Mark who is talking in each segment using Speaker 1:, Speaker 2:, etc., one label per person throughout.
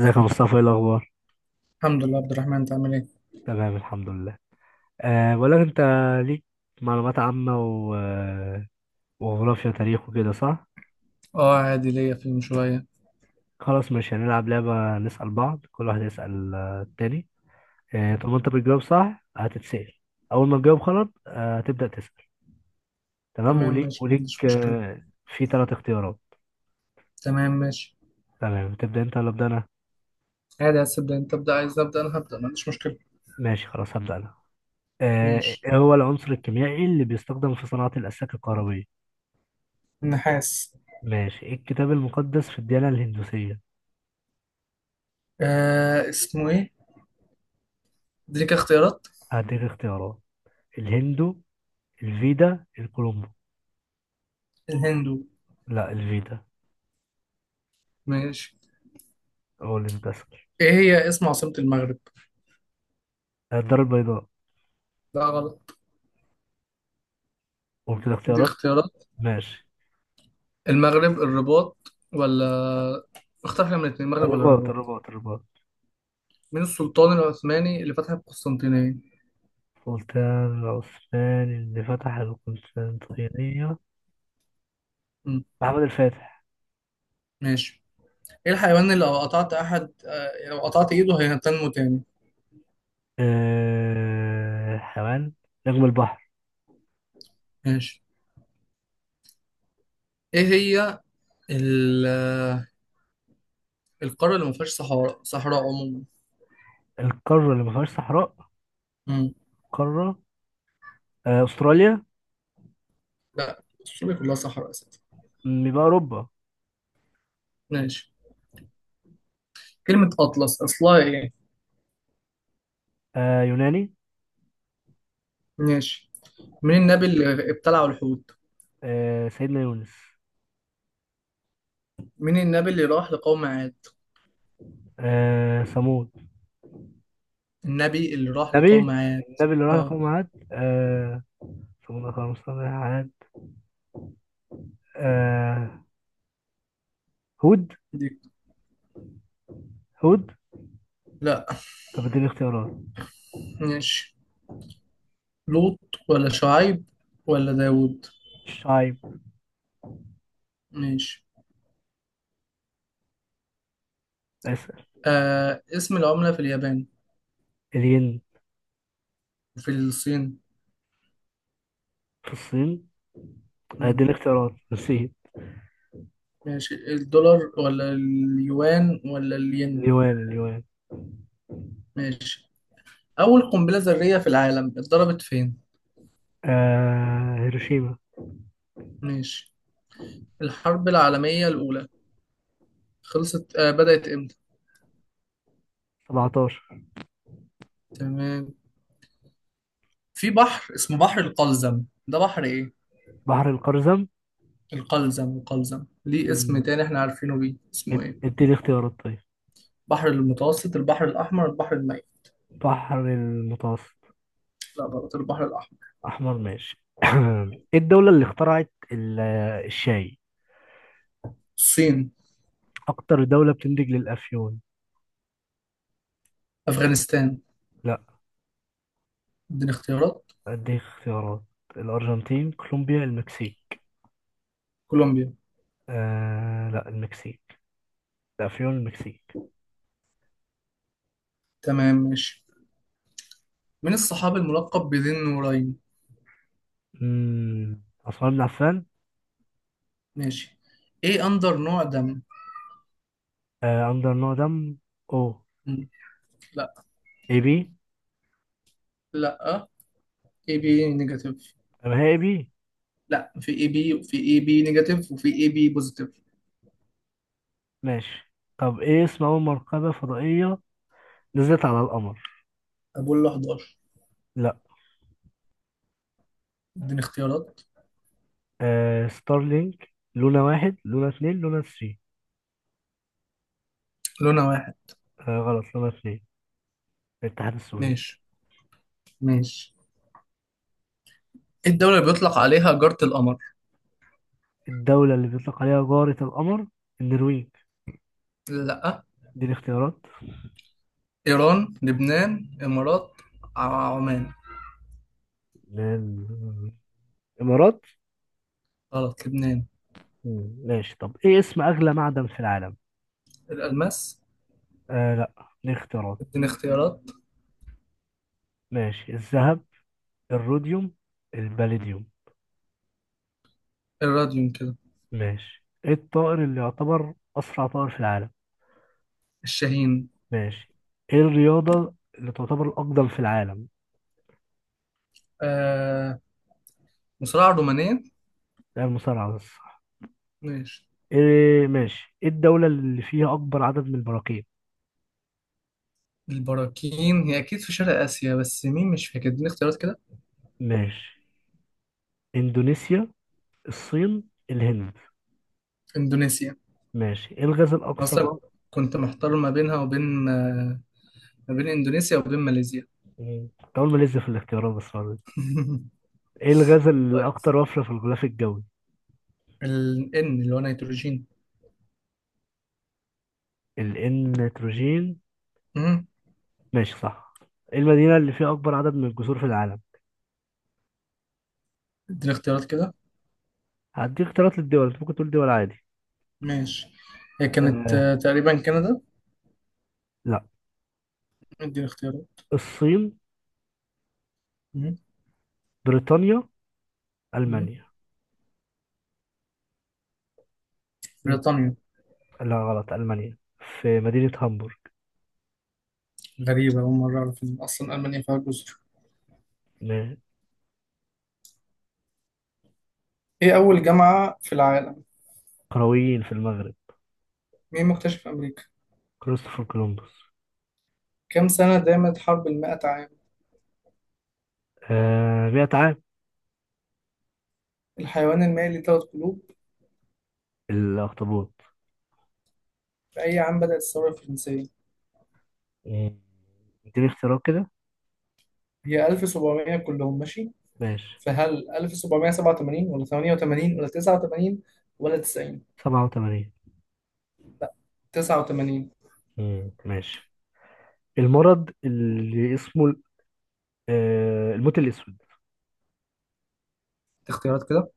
Speaker 1: ازيك يا مصطفى، ايه الاخبار؟
Speaker 2: الحمد لله عبد الرحمن، انت عامل ايه؟
Speaker 1: تمام، الحمد لله. بقول لك انت. ليك معلومات عامه و... آه، وجغرافيا وتاريخ وكده، صح؟
Speaker 2: اه، عادي ليا فيلم شوية.
Speaker 1: خلاص، مش هنلعب لعبه نسال بعض، كل واحد يسال التاني. طب ما انت بتجاوب صح هتتسال. اول ما تجاوب غلط هتبدا تسال. تمام،
Speaker 2: تمام
Speaker 1: وليك
Speaker 2: ماشي، ما
Speaker 1: وليك
Speaker 2: عنديش مشكلة.
Speaker 1: في 3 اختيارات.
Speaker 2: تمام ماشي.
Speaker 1: تمام، تبدا انت ولا ابدا انا؟
Speaker 2: عادي، عايز تبدأ انت تبدأ، عايز ابدأ انا هبدأ، ما عنديش مشكلة.
Speaker 1: ماشي، خلاص هبدا انا.
Speaker 2: ماشي.
Speaker 1: إيه هو العنصر الكيميائي اللي بيستخدم في صناعه الاسلاك الكهربائيه؟
Speaker 2: النحاس.
Speaker 1: ماشي. إيه الكتاب المقدس في الديانه الهندوسيه؟
Speaker 2: آه، اسمه ايه؟ اديك اختيارات.
Speaker 1: هديك اختيارات. الهندو، الفيدا، الكولومبو.
Speaker 2: الهندو.
Speaker 1: لا، الفيدا.
Speaker 2: ماشي.
Speaker 1: هو اللي بتسأل.
Speaker 2: ايه هي اسم عاصمة المغرب؟
Speaker 1: الدار البيضاء.
Speaker 2: لا غلط.
Speaker 1: قلت
Speaker 2: دي
Speaker 1: الاختيارات.
Speaker 2: اختيارات.
Speaker 1: ماشي.
Speaker 2: المغرب الرباط ولا. اختار حاجة من الاتنين، المغرب ولا
Speaker 1: الرباط،
Speaker 2: الرباط.
Speaker 1: الرباط، الرباط.
Speaker 2: مين السلطان العثماني اللي فتح القسطنطينية؟
Speaker 1: سلطان العثماني اللي فتح القسطنطينية.
Speaker 2: مم.
Speaker 1: محمد الفاتح.
Speaker 2: ماشي. ايه الحيوان اللي لو قطعت احد آه، لو قطعت ايده هينتنمو تاني.
Speaker 1: حيوان. نجم البحر.
Speaker 2: ماشي. ايه هي ال- آه، القارة اللي ما فيهاش صحراء صحراء عموما.
Speaker 1: القارة اللي ما فيهاش صحراء.
Speaker 2: مم.
Speaker 1: قارة. أستراليا.
Speaker 2: لا استراليا كلها صحراء اساسا.
Speaker 1: يبقى أوروبا.
Speaker 2: ماشي. كلمة أطلس أصلها إيه؟
Speaker 1: يوناني.
Speaker 2: ماشي. مين النبي اللي ابتلعوا الحوت؟
Speaker 1: سيدنا يونس.
Speaker 2: مين النبي اللي راح لقوم عاد؟
Speaker 1: ثمود.
Speaker 2: النبي اللي راح لقوم
Speaker 1: نبي.
Speaker 2: عاد.
Speaker 1: النبي اللي راح
Speaker 2: اه.
Speaker 1: يقوم عاد. شغل خمسة واحد. آه. هود.
Speaker 2: دي.
Speaker 1: هود.
Speaker 2: لا.
Speaker 1: طب اديني اختيارات.
Speaker 2: ماشي. لوط ولا شعيب ولا داوود.
Speaker 1: الشايب.
Speaker 2: ماشي.
Speaker 1: اسأل.
Speaker 2: اسم العملة في اليابان
Speaker 1: الين.
Speaker 2: وفي الصين.
Speaker 1: في الصين.
Speaker 2: مم.
Speaker 1: اديني اختيارات، نسيت.
Speaker 2: ماشي، الدولار ولا اليوان ولا الين.
Speaker 1: اليوان، اليوان.
Speaker 2: ماشي. أول قنبلة ذرية في العالم اتضربت فين؟
Speaker 1: هيروشيما.
Speaker 2: ماشي. الحرب العالمية الأولى خلصت آه بدأت إمتى؟
Speaker 1: 17.
Speaker 2: تمام. في بحر اسمه بحر القلزم، ده بحر إيه؟
Speaker 1: بحر القرزم.
Speaker 2: القلزم القلزم ليه اسم
Speaker 1: مم.
Speaker 2: تاني إحنا عارفينه بيه، اسمه إيه؟
Speaker 1: اديني اختيارات طيب.
Speaker 2: بحر المتوسط، البحر الأحمر، البحر الميت.
Speaker 1: بحر المتوسط.
Speaker 2: لا غلط، البحر الأحمر.
Speaker 1: احمر. ماشي. ايه الدولة اللي اخترعت الشاي؟
Speaker 2: الصين.
Speaker 1: اكتر دولة بتنتج للافيون.
Speaker 2: أفغانستان.
Speaker 1: لا.
Speaker 2: اديني اختيارات.
Speaker 1: اديك اختيارات. الارجنتين، كولومبيا، المكسيك.
Speaker 2: كولومبيا.
Speaker 1: لا، المكسيك. لا، فيون المكسيك.
Speaker 2: تمام ماشي. من الصحابي الملقب بذي النورين؟
Speaker 1: عثمان بن عفان.
Speaker 2: ماشي. ايه اندر نوع دم؟
Speaker 1: أندر دم. أو.
Speaker 2: م. لا.
Speaker 1: إي بي.
Speaker 2: لا. اي بي نيجاتيف.
Speaker 1: طب هي إي بي.
Speaker 2: لا، في اي بي وفي اي بي نيجاتيف وفي اي بي بوزيتيف.
Speaker 1: ماشي. طب إيه اسم أول مركبة فضائية نزلت على القمر؟
Speaker 2: ابولا 11.
Speaker 1: لا.
Speaker 2: اديني اختيارات.
Speaker 1: ستارلينك، لونا واحد، لونا اتنين، لونا ثري.
Speaker 2: لونها واحد.
Speaker 1: غلط، لونا اتنين. الاتحاد السوفيتي.
Speaker 2: ماشي ماشي. ايه الدولة اللي بيطلق عليها جارة القمر؟
Speaker 1: الدولة اللي بيطلق عليها جارة القمر. النرويج.
Speaker 2: لا.
Speaker 1: دي الاختيارات.
Speaker 2: ايران لبنان امارات، عمان.
Speaker 1: الإمارات.
Speaker 2: غلط، لبنان.
Speaker 1: ماشي. طب إيه اسم أغلى معدن في العالم؟
Speaker 2: الالماس.
Speaker 1: لا. ليه اختيارات.
Speaker 2: اديني اختيارات.
Speaker 1: ماشي. الذهب، الروديوم، الباليديوم.
Speaker 2: الراديوم كده.
Speaker 1: ماشي. ايه الطائر اللي يعتبر أسرع طائر في العالم؟
Speaker 2: الشاهين.
Speaker 1: ماشي. ايه الرياضة اللي تعتبر الأقدم في العالم؟
Speaker 2: آه مصراعة الرومانية.
Speaker 1: ده المصارعة بس.
Speaker 2: ماشي.
Speaker 1: ايه، ماشي. ايه الدولة اللي فيها أكبر عدد من البراكين؟
Speaker 2: البراكين هي أكيد في شرق آسيا، بس مين مش فاكر، اديني اختيارات كده.
Speaker 1: ماشي. إندونيسيا، الصين، الهند.
Speaker 2: إندونيسيا.
Speaker 1: ماشي. ايه الغاز الأكثر
Speaker 2: أصلا كنت محتار ما بينها وبين ما بين إندونيسيا وبين ماليزيا.
Speaker 1: كنت أول ما لسه في الاختيارات بس برضه. ايه الغاز
Speaker 2: كويس.
Speaker 1: الأكثر وفرة في الغلاف الجوي؟
Speaker 2: ال N اللي هو نيتروجين.
Speaker 1: النيتروجين.
Speaker 2: مم.
Speaker 1: ماشي، صح. ايه المدينة اللي فيها أكبر عدد من الجسور في العالم؟
Speaker 2: اديني اختيارات كده.
Speaker 1: هديك اختيارات للدول، أنت ممكن تقول دول عادي.
Speaker 2: ماشي. هي كانت
Speaker 1: آه
Speaker 2: تقريبا كندا.
Speaker 1: لا.
Speaker 2: اديني اختيارات.
Speaker 1: الصين،
Speaker 2: مم.
Speaker 1: بريطانيا،
Speaker 2: مم.
Speaker 1: ألمانيا. مم.
Speaker 2: بريطانيا.
Speaker 1: لا، غلط، ألمانيا. في مدينة هامبورغ.
Speaker 2: غريبة، أول مرة أعرف إن أصلا ألمانيا فيها جزر.
Speaker 1: م-
Speaker 2: إيه أول جامعة في العالم؟
Speaker 1: قرويين في المغرب.
Speaker 2: مين مكتشف أمريكا؟
Speaker 1: كريستوفر كولومبوس.
Speaker 2: كم سنة دامت حرب المائة عام؟
Speaker 1: 100 عام.
Speaker 2: الحيوان المائي ليه ثلاث قلوب.
Speaker 1: الأخطبوط.
Speaker 2: في أي عام بدأت الثورة الفرنسية؟
Speaker 1: مم. اديني اختيارات كده.
Speaker 2: هي 1700 كلهم ماشي،
Speaker 1: ماشي.
Speaker 2: فهل 1787 ولا 88 ولا 89 ولا 90؟
Speaker 1: 87.
Speaker 2: لا، 89.
Speaker 1: ماشي. المرض اللي اسمه الموت الأسود.
Speaker 2: اختيارات كده.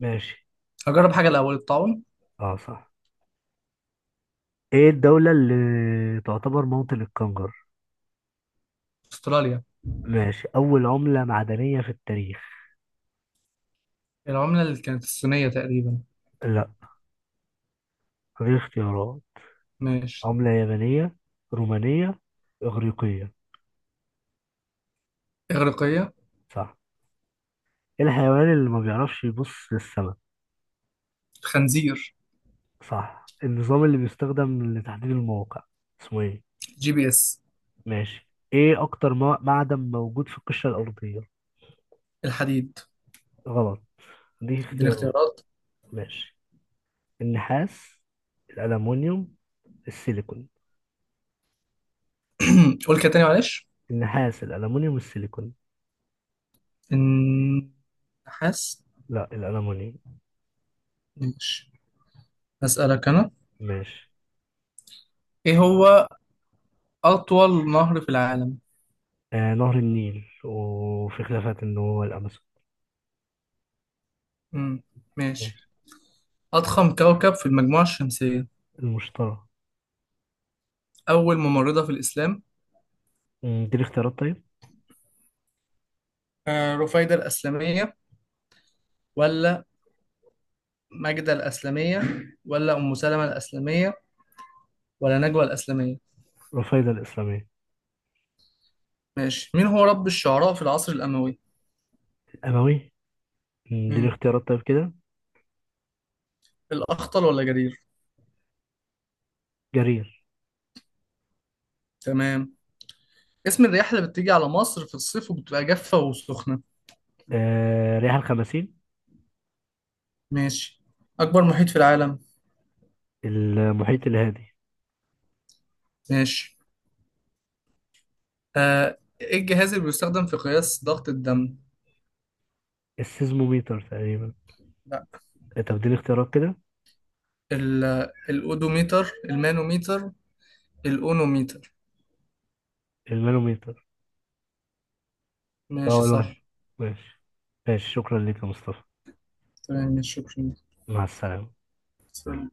Speaker 1: ماشي.
Speaker 2: هجرب حاجة الأول، الطاعون.
Speaker 1: اه، صح. ايه الدولة اللي تعتبر موطن الكنجر؟
Speaker 2: أستراليا.
Speaker 1: ماشي. أول عملة معدنية في التاريخ.
Speaker 2: العملة اللي كانت الصينية تقريبا.
Speaker 1: لا. غير اختيارات.
Speaker 2: ماشي.
Speaker 1: عملة يابانية، رومانية، إغريقية.
Speaker 2: إغريقية.
Speaker 1: صح. إيه الحيوان اللي ما بيعرفش يبص للسماء؟
Speaker 2: خنزير.
Speaker 1: صح. النظام اللي بيستخدم لتحديد المواقع اسمه ايه؟
Speaker 2: جي بي إس.
Speaker 1: ماشي. ايه أكتر معدن موجود في القشرة الأرضية؟
Speaker 2: الحديد.
Speaker 1: غلط. دي
Speaker 2: اديني
Speaker 1: اختيارات.
Speaker 2: اختيارات.
Speaker 1: ماشي. النحاس، الألمونيوم، السيليكون.
Speaker 2: قول كده تاني معلش.
Speaker 1: النحاس، الألمونيوم، السيليكون.
Speaker 2: النحاس.
Speaker 1: لا، الألمونيوم.
Speaker 2: ماشي. هسألك أنا.
Speaker 1: ماشي.
Speaker 2: إيه هو أطول نهر في العالم؟
Speaker 1: نهر النيل، وفي خلافات إن هو الأمازون.
Speaker 2: مم. ماشي.
Speaker 1: ماشي.
Speaker 2: أضخم كوكب في المجموعة الشمسية.
Speaker 1: المشترى.
Speaker 2: أول ممرضة في الإسلام.
Speaker 1: دي الاختيارات طيب.
Speaker 2: رفيدة الأسلمية ولا ماجدة الأسلمية ولا أم سلمة الأسلمية ولا نجوى الأسلمية.
Speaker 1: رفايدة الإسلامية.
Speaker 2: ماشي. مين هو رب الشعراء في العصر الأموي؟
Speaker 1: الأموي. دي
Speaker 2: مم.
Speaker 1: الاختيارات طيب كده.
Speaker 2: الأخطل ولا جرير.
Speaker 1: جرير.
Speaker 2: تمام. اسم الرياح اللي بتيجي على مصر في الصيف وبتبقى جافة وسخنة.
Speaker 1: ريح الخمسين.
Speaker 2: ماشي. أكبر محيط في العالم.
Speaker 1: المحيط الهادي.
Speaker 2: ماشي. إيه الجهاز اللي بيستخدم في قياس ضغط الدم؟
Speaker 1: السيزموميتر تقريبا.
Speaker 2: لا.
Speaker 1: طب دي الاختيارات كده.
Speaker 2: ال- الأودوميتر المانوميتر الأونوميتر.
Speaker 1: المانوميتر.
Speaker 2: ماشي
Speaker 1: أول
Speaker 2: صح.
Speaker 1: واحد. ماشي. ماشي، شكرا لك يا مصطفى.
Speaker 2: تمام ماشي شكرا.
Speaker 1: مع السلامة.
Speaker 2: سلام.